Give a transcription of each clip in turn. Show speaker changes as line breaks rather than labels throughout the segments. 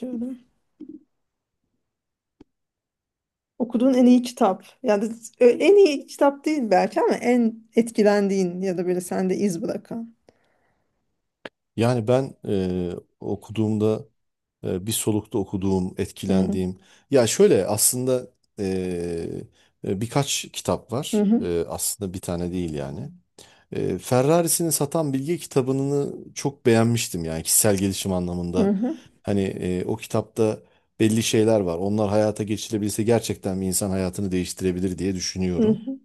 Şöyle. Okuduğun en iyi kitap. Yani en iyi kitap değil belki ama en etkilendiğin ya da böyle sende iz bırakan.
Yani ben okuduğumda bir solukta okuduğum,
Hı
etkilendiğim. Ya şöyle aslında, e, birkaç kitap
hı hı
var.
hı.
Aslında bir tane değil yani. Ferrarisini Satan Bilge kitabını çok beğenmiştim, yani kişisel gelişim anlamında.
Hı,
Hani o kitapta belli şeyler var. Onlar hayata geçirebilse gerçekten bir insan hayatını değiştirebilir diye
hı
düşünüyorum.
hı.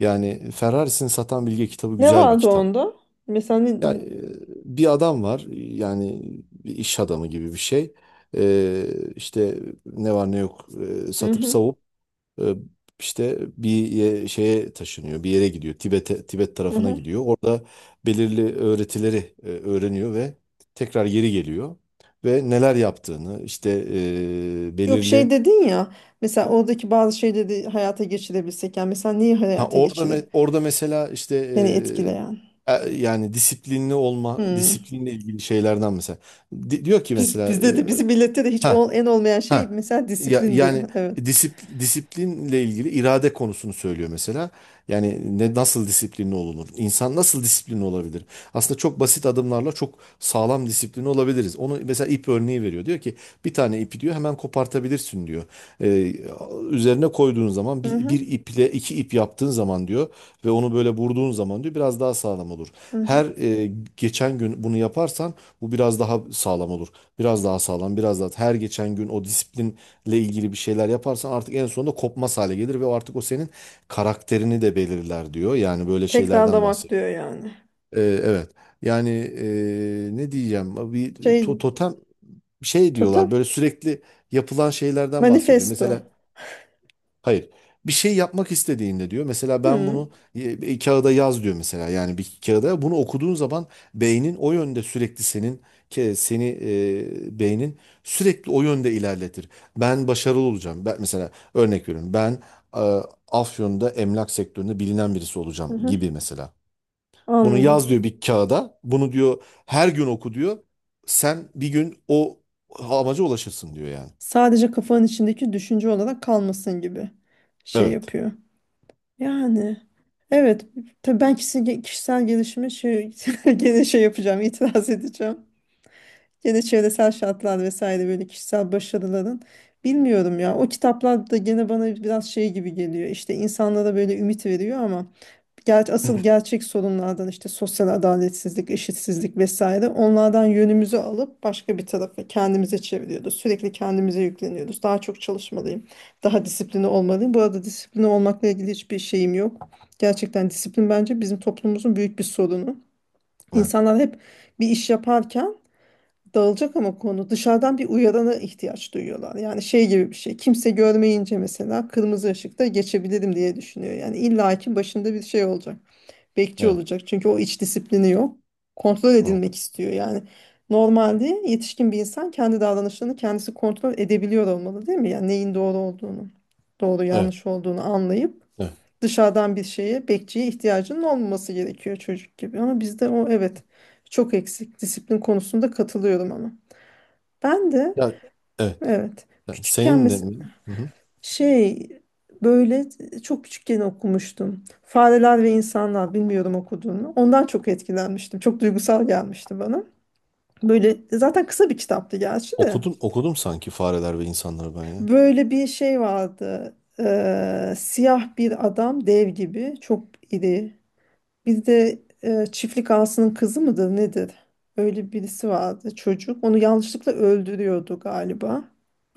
Yani Ferrarisini Satan Bilge kitabı
Ne
güzel bir
vardı
kitap.
onda? Mesela ne-
E, Bir adam var yani, bir iş adamı gibi bir şey. Ee, işte ne var ne yok
hı
satıp
hı
savup e, işte bir şeye taşınıyor, bir yere gidiyor, Tibet'e, Tibet
hı.
tarafına
Hı.
gidiyor. Orada belirli öğretileri öğreniyor ve tekrar geri geliyor ve neler yaptığını işte,
Yok şey
belirli,
dedin ya. Mesela oradaki bazı şeyleri hayata geçirebilsek. Yani mesela neyi
ha
hayata
orada
geçirir?
orada mesela işte,
Seni etkileyen.
yani disiplinli olma,
Hı.
disiplinle ilgili şeylerden mesela. Diyor ki
Biz,
mesela.
bizde de bizim millette de hiç
Ha,
en olmayan şey
ha.
mesela
Ya,
disiplindir.
yani
Evet.
disiplinle ilgili irade konusunu söylüyor mesela. Yani ne, nasıl disiplinli olunur? İnsan nasıl disiplinli olabilir? Aslında çok basit adımlarla çok sağlam disiplinli olabiliriz. Onu mesela ip örneği veriyor. Diyor ki bir tane ipi diyor hemen kopartabilirsin diyor. Ee, Üzerine koyduğun zaman
Hı
bir,
hı
bir iple iki ip yaptığın zaman diyor ve onu böyle vurduğun zaman diyor biraz daha sağlam olur.
hı. Hı.
Her e, geçen gün bunu yaparsan bu biraz daha sağlam olur. Biraz daha sağlam, biraz daha. Her geçen gün o disiplinle ilgili bir şeyler yaparsan artık en sonunda kopmaz hale gelir ve o artık o senin karakterini de belirler diyor. Yani böyle şeylerden
Tekrarlamak
bahsediyor.
diyor yani.
Evet. Yani ne diyeceğim? Bir
Şey
totem şey diyorlar.
totem.
Böyle sürekli yapılan şeylerden bahsediyor.
Manifesto.
Mesela. Hayır. Bir şey yapmak istediğinde diyor. Mesela ben
Hı,
bunu bir kağıda yaz diyor mesela. Yani bir kağıda bunu okuduğun zaman beynin o yönde sürekli senin seni, beynin sürekli o yönde ilerletir. Ben başarılı olacağım. Ben mesela örnek veriyorum. Ben e, Afyon'da emlak sektöründe bilinen birisi
hı,
olacağım
hı.
gibi mesela. Bunu yaz
Anladım.
diyor bir kağıda. Bunu diyor her gün oku diyor. Sen bir gün o amaca ulaşırsın diyor yani.
Sadece kafanın içindeki düşünce olarak kalmasın gibi şey
Evet.
yapıyor. Yani evet tabii ben kişisel gelişime şey, gene şey yapacağım, itiraz edeceğim. Ya da çevresel şartlar vesaire böyle kişisel başarıların. Bilmiyorum ya. O kitaplar da gene bana biraz şey gibi geliyor. İşte insanlara böyle ümit veriyor ama asıl gerçek sorunlardan işte sosyal adaletsizlik, eşitsizlik vesaire onlardan yönümüzü alıp başka bir tarafa kendimize çeviriyoruz. Sürekli kendimize yükleniyoruz. Daha çok çalışmalıyım. Daha disiplinli olmalıyım. Bu arada disiplinli olmakla ilgili hiçbir şeyim yok. Gerçekten disiplin bence bizim toplumumuzun büyük bir sorunu. İnsanlar hep bir iş yaparken dağılacak ama konu dışarıdan bir uyarana ihtiyaç duyuyorlar. Yani şey gibi bir şey. Kimse görmeyince mesela kırmızı ışıkta geçebilirim diye düşünüyor. Yani illaki başında bir şey olacak. Bekçi
Evet.
olacak. Çünkü o iç disiplini yok. Kontrol
Evet.
edilmek istiyor. Yani normalde yetişkin bir insan kendi davranışlarını kendisi kontrol edebiliyor olmalı değil mi? Yani neyin doğru olduğunu, doğru
Evet.
yanlış olduğunu anlayıp
Evet.
dışarıdan bir şeye, bekçiye ihtiyacının olmaması gerekiyor çocuk gibi. Ama bizde o evet çok eksik. Disiplin konusunda katılıyorum ama. Ben de
Ya, evet.
evet
Yani
küçükken
senin de mi? Hı hı.
şey böyle çok küçükken okumuştum. Fareler ve İnsanlar bilmiyorum okuduğunu. Ondan çok etkilenmiştim. Çok duygusal gelmişti bana. Böyle zaten kısa bir kitaptı gerçi de.
Okudum, okudum sanki Fareler ve İnsanları ben ya.
Böyle bir şey vardı. Siyah bir adam dev gibi çok iri. Bizde çiftlik ağasının kızı mıdır nedir? Öyle birisi vardı çocuk. Onu yanlışlıkla öldürüyordu galiba.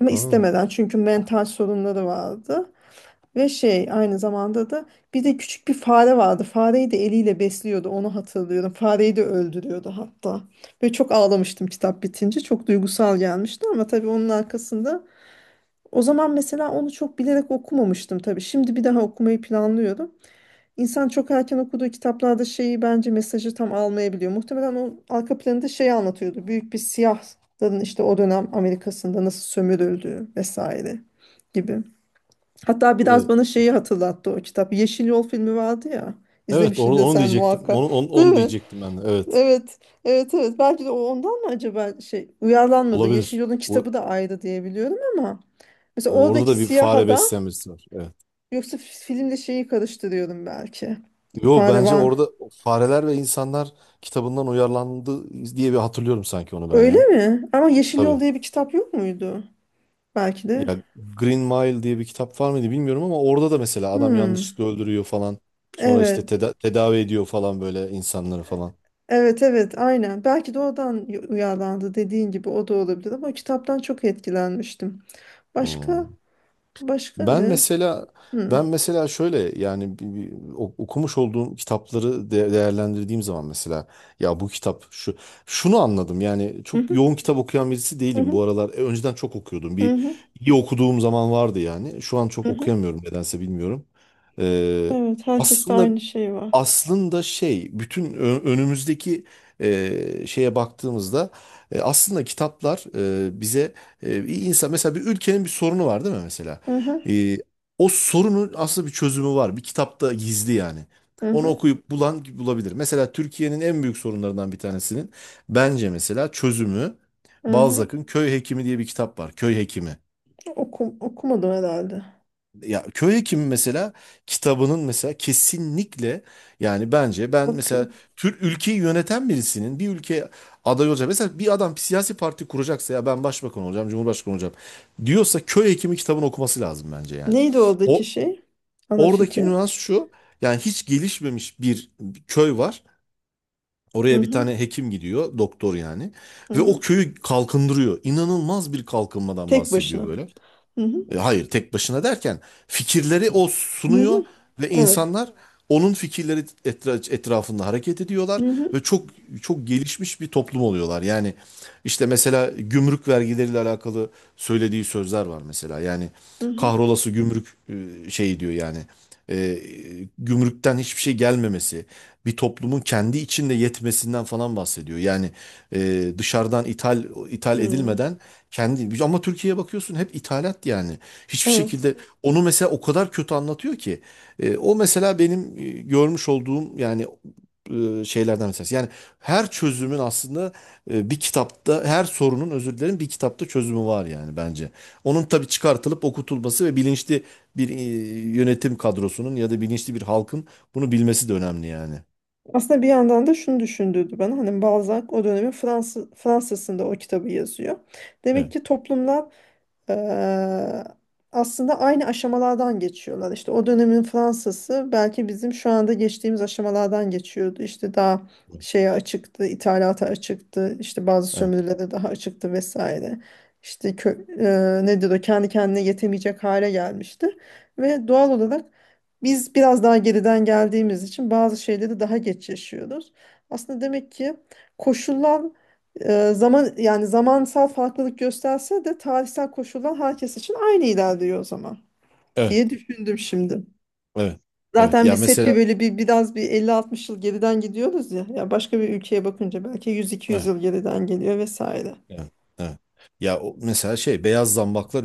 Ama
Ha.
istemeden çünkü mental sorunları vardı. Ve şey aynı zamanda da bir de küçük bir fare vardı. Fareyi de eliyle besliyordu onu hatırlıyorum. Fareyi de öldürüyordu hatta. Ve çok ağlamıştım kitap bitince. Çok duygusal gelmişti ama tabii onun arkasında o zaman mesela onu çok bilerek okumamıştım tabii. Şimdi bir daha okumayı planlıyorum. İnsan çok erken okuduğu kitaplarda şeyi bence mesajı tam almayabiliyor. Muhtemelen onun arka planında şeyi anlatıyordu. Büyük bir siyahların işte o dönem Amerika'sında nasıl sömürüldüğü vesaire gibi. Hatta biraz
Evet,
bana şeyi hatırlattı o kitap. Yeşil Yol filmi vardı ya.
evet, orada
İzlemişsindir
onu
sen
diyecektim.
muhakkak.
Onu, onu,
Değil
onu
mi?
diyecektim ben de. Evet.
Evet. Evet evet. Belki de o ondan mı acaba şey uyarlanmadı. Yeşil
Olabilir.
Yol'un
Bu,
kitabı da ayrı diye biliyorum ama mesela
orada
oradaki
da bir
siyah
fare
adam
besleyen birisi var. Evet.
yoksa filmle şeyi karıştırıyorum belki.
Yo,
Fare
bence
var.
orada Fareler ve İnsanlar kitabından uyarlandı diye bir hatırlıyorum sanki onu ben
Öyle
ya.
mi? Ama Yeşil Yol
Tabii.
diye bir kitap yok muydu? Belki de.
Ya, Green Mile diye bir kitap var mıydı bilmiyorum, ama orada da mesela adam
Hmm,
yanlışlıkla öldürüyor falan. Sonra işte
evet.
tedavi ediyor falan, böyle insanları falan.
Evet evet aynen. Belki de oradan uyarlandı dediğin gibi o da olabilir ama kitaptan çok etkilenmiştim. Başka
Hmm.
başka
Ben
ne?
mesela,
Hmm.
şöyle yani, okumuş olduğum kitapları değerlendirdiğim zaman mesela, ya bu kitap şunu anladım yani.
Hı
Çok
hı,
yoğun kitap okuyan birisi
hı
değilim bu
hı,
aralar. Önceden çok okuyordum,
hı
bir
hı,
iyi okuduğum zaman vardı yani, şu an
hı
çok
hı.
okuyamıyorum nedense, bilmiyorum. Ee,
Evet herkeste
Aslında,
aynı şey var.
şey, bütün önümüzdeki şeye baktığımızda, aslında kitaplar bize, bir insan mesela, bir ülkenin bir sorunu var değil mi mesela?
Hı hı,
E, O sorunun aslında bir çözümü var. Bir kitapta gizli yani.
hı
Onu
hı,
okuyup bulabilir. Mesela Türkiye'nin en büyük sorunlarından bir tanesinin bence mesela çözümü,
hı hı.
Balzac'ın Köy Hekimi diye bir kitap var. Köy Hekimi.
Okumadım herhalde.
Ya, köy hekimi mesela kitabının mesela kesinlikle, yani bence ben mesela
Bakayım.
Türk ülkeyi yöneten birisinin, bir ülke aday olacak. Mesela bir adam bir siyasi parti kuracaksa, ya ben başbakan olacağım, cumhurbaşkanı olacağım diyorsa, köy hekimi kitabını okuması lazım bence yani.
Neydi
O
oradaki şey? Ana
Oradaki
fikir.
nüans şu. Yani hiç gelişmemiş bir köy var.
Hı
Oraya bir
hı,
tane hekim gidiyor, doktor yani,
hı
ve
hı.
o köyü kalkındırıyor. İnanılmaz bir kalkınmadan
Tek
bahsediyor
başına.
böyle.
Hı hı,
Hayır, tek başına derken fikirleri o
hı
sunuyor
hı.
ve
Evet.
insanlar onun fikirleri etrafında hareket ediyorlar,
Hı hı,
ve çok, çok gelişmiş bir toplum oluyorlar. Yani işte mesela gümrük vergileriyle alakalı söylediği sözler var mesela. Yani
hı hı.
kahrolası gümrük, şey diyor yani, e, gümrükten hiçbir şey gelmemesi, bir toplumun kendi içinde yetmesinden falan bahsediyor. Yani dışarıdan ithal
Hmm,
edilmeden kendi, ama Türkiye'ye bakıyorsun hep ithalat yani. Hiçbir
evet.
şekilde, onu mesela o kadar kötü anlatıyor ki. O mesela benim görmüş olduğum yani şeylerden mesela. Yani her çözümün aslında bir kitapta, her sorunun, özür dilerim, bir kitapta çözümü var yani bence. Onun tabii çıkartılıp okutulması ve bilinçli bir yönetim kadrosunun ya da bilinçli bir halkın bunu bilmesi de önemli yani.
Aslında bir yandan da şunu düşündürdü bana. Hani Balzac o dönemin Fransa'sında o kitabı yazıyor. Demek
Evet.
ki toplumlar eee, aslında aynı aşamalardan geçiyorlar. İşte o dönemin Fransa'sı belki bizim şu anda geçtiğimiz aşamalardan geçiyordu. İşte daha şeye açıktı, ithalata açıktı, işte bazı
Evet.
sömürülere daha açıktı vesaire. İşte nedir o kendi kendine yetemeyecek hale gelmişti. Ve doğal olarak biz biraz daha geriden geldiğimiz için bazı şeyleri daha geç yaşıyoruz. Aslında demek ki koşullar zaman yani zamansal farklılık gösterse de tarihsel koşullar herkes için aynı ilerliyor o zaman diye
Evet.
düşündüm şimdi.
Evet. Evet.
Zaten
Ya
biz hep bir
mesela,
böyle bir biraz bir 50 60 yıl geriden gidiyoruz ya. Ya başka bir ülkeye bakınca belki 100 200
evet.
yıl geriden geliyor vesaire.
Evet, evet. Ya o mesela, şey, Beyaz Zambaklar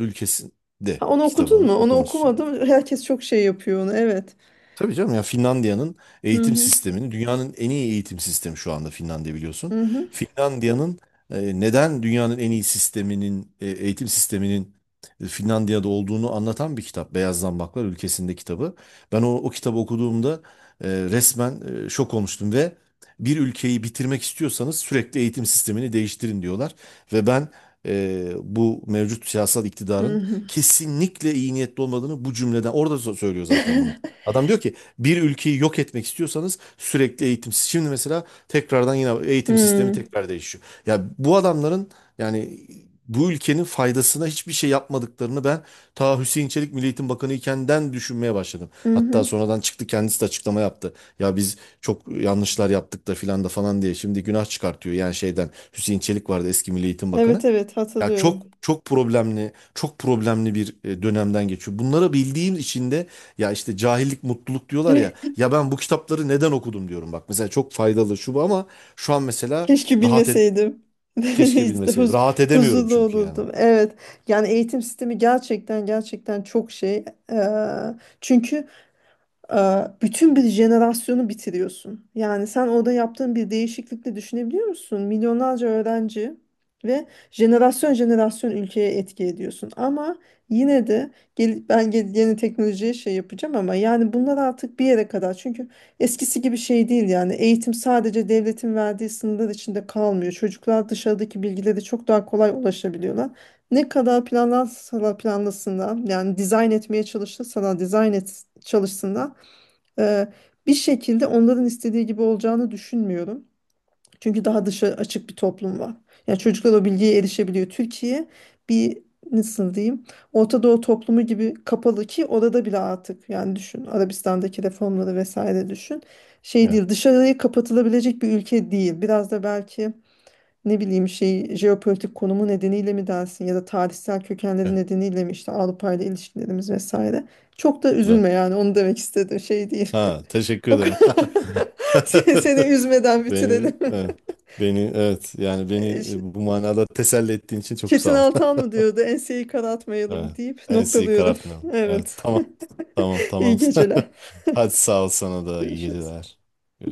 Ha,
Ülkesi'nde
onu okudun mu?
kitabını
Onu
okumuşsun.
okumadım. Herkes çok şey yapıyor onu. Evet.
Tabii canım, ya Finlandiya'nın
Hı
eğitim
hı.
sistemini, dünyanın en iyi eğitim sistemi şu anda Finlandiya, biliyorsun.
Hı hı.
Finlandiya'nın neden dünyanın en iyi sisteminin, eğitim sisteminin Finlandiya'da olduğunu anlatan bir kitap. Beyaz Zambaklar Ülkesi'nde kitabı. Ben o kitabı okuduğumda resmen şok olmuştum, ve bir ülkeyi bitirmek istiyorsanız sürekli eğitim sistemini değiştirin diyorlar. Ve ben bu mevcut siyasal
Hı
iktidarın
hı.
kesinlikle iyi niyetli olmadığını, bu cümleden orada söylüyor zaten bunu. Adam diyor ki bir ülkeyi yok etmek istiyorsanız sürekli eğitim. Şimdi mesela tekrardan yine eğitim sistemi tekrar değişiyor. Ya bu adamların yani bu ülkenin faydasına hiçbir şey yapmadıklarını ben ta Hüseyin Çelik Milli Eğitim Bakanı ikenden düşünmeye başladım.
Hı
Hatta
hı.
sonradan çıktı, kendisi de açıklama yaptı. Ya biz çok yanlışlar yaptık da filan da falan diye şimdi günah çıkartıyor. Yani şeyden, Hüseyin Çelik vardı, eski Milli Eğitim
Evet
Bakanı.
evet
Ya çok
hatırlıyorum.
çok problemli, çok problemli bir dönemden geçiyor. Bunları bildiğim için de, ya işte cahillik mutluluk diyorlar ya. Ya ben bu kitapları neden okudum diyorum bak. Mesela çok faydalı şu bu, ama şu an mesela
Keşke
rahat ed
bilmeseydim.
keşke
İşte
bilmeseydim. Rahat edemiyorum
huzurlu
çünkü yani.
olurdum. Evet. Yani eğitim sistemi gerçekten gerçekten çok şey. Eee, Çünkü e, bütün bir jenerasyonu bitiriyorsun. Yani sen orada yaptığın bir değişiklikle düşünebiliyor musun? Milyonlarca öğrenci ve jenerasyon jenerasyon ülkeye etki ediyorsun. Ama yine de yeni teknolojiye şey yapacağım ama yani bunlar artık bir yere kadar. Çünkü eskisi gibi şey değil yani eğitim sadece devletin verdiği sınırlar içinde kalmıyor. Çocuklar dışarıdaki bilgilere çok daha kolay ulaşabiliyorlar. Ne kadar planlansalar planlasınlar yani dizayn etmeye çalışırsalar çalışsınlar ee, bir şekilde onların istediği gibi olacağını düşünmüyorum. Çünkü daha dışa açık bir toplum var. Yani çocuklar o bilgiye erişebiliyor. Türkiye bir nasıl diyeyim Orta Doğu toplumu gibi kapalı ki orada bile artık yani düşün Arabistan'daki reformları vesaire düşün. Şey
Evet,
değil dışarıya kapatılabilecek bir ülke değil. Biraz da belki ne bileyim şey jeopolitik konumu nedeniyle mi dersin ya da tarihsel kökenleri
evet,
nedeniyle mi işte Avrupa ile ilişkilerimiz vesaire. Çok da
evet.
üzülme yani onu demek istedim şey değil.
Ha, teşekkür
O
ederim.
kadar- seni üzmeden
Beni,
bitirelim.
evet, beni, evet, yani beni
E, Ş-
bu manada teselli ettiğin için çok
Çetin
sağ ol.
Altan mı diyordu? Enseyi
Evet.
karartmayalım deyip
Ensiyi
noktalıyorum.
karartmayalım. Evet,
Evet.
tamam. Tamam, tamam.
İyi geceler.
Hadi, sağ ol, sana da iyi
Görüşürüz.
geceler.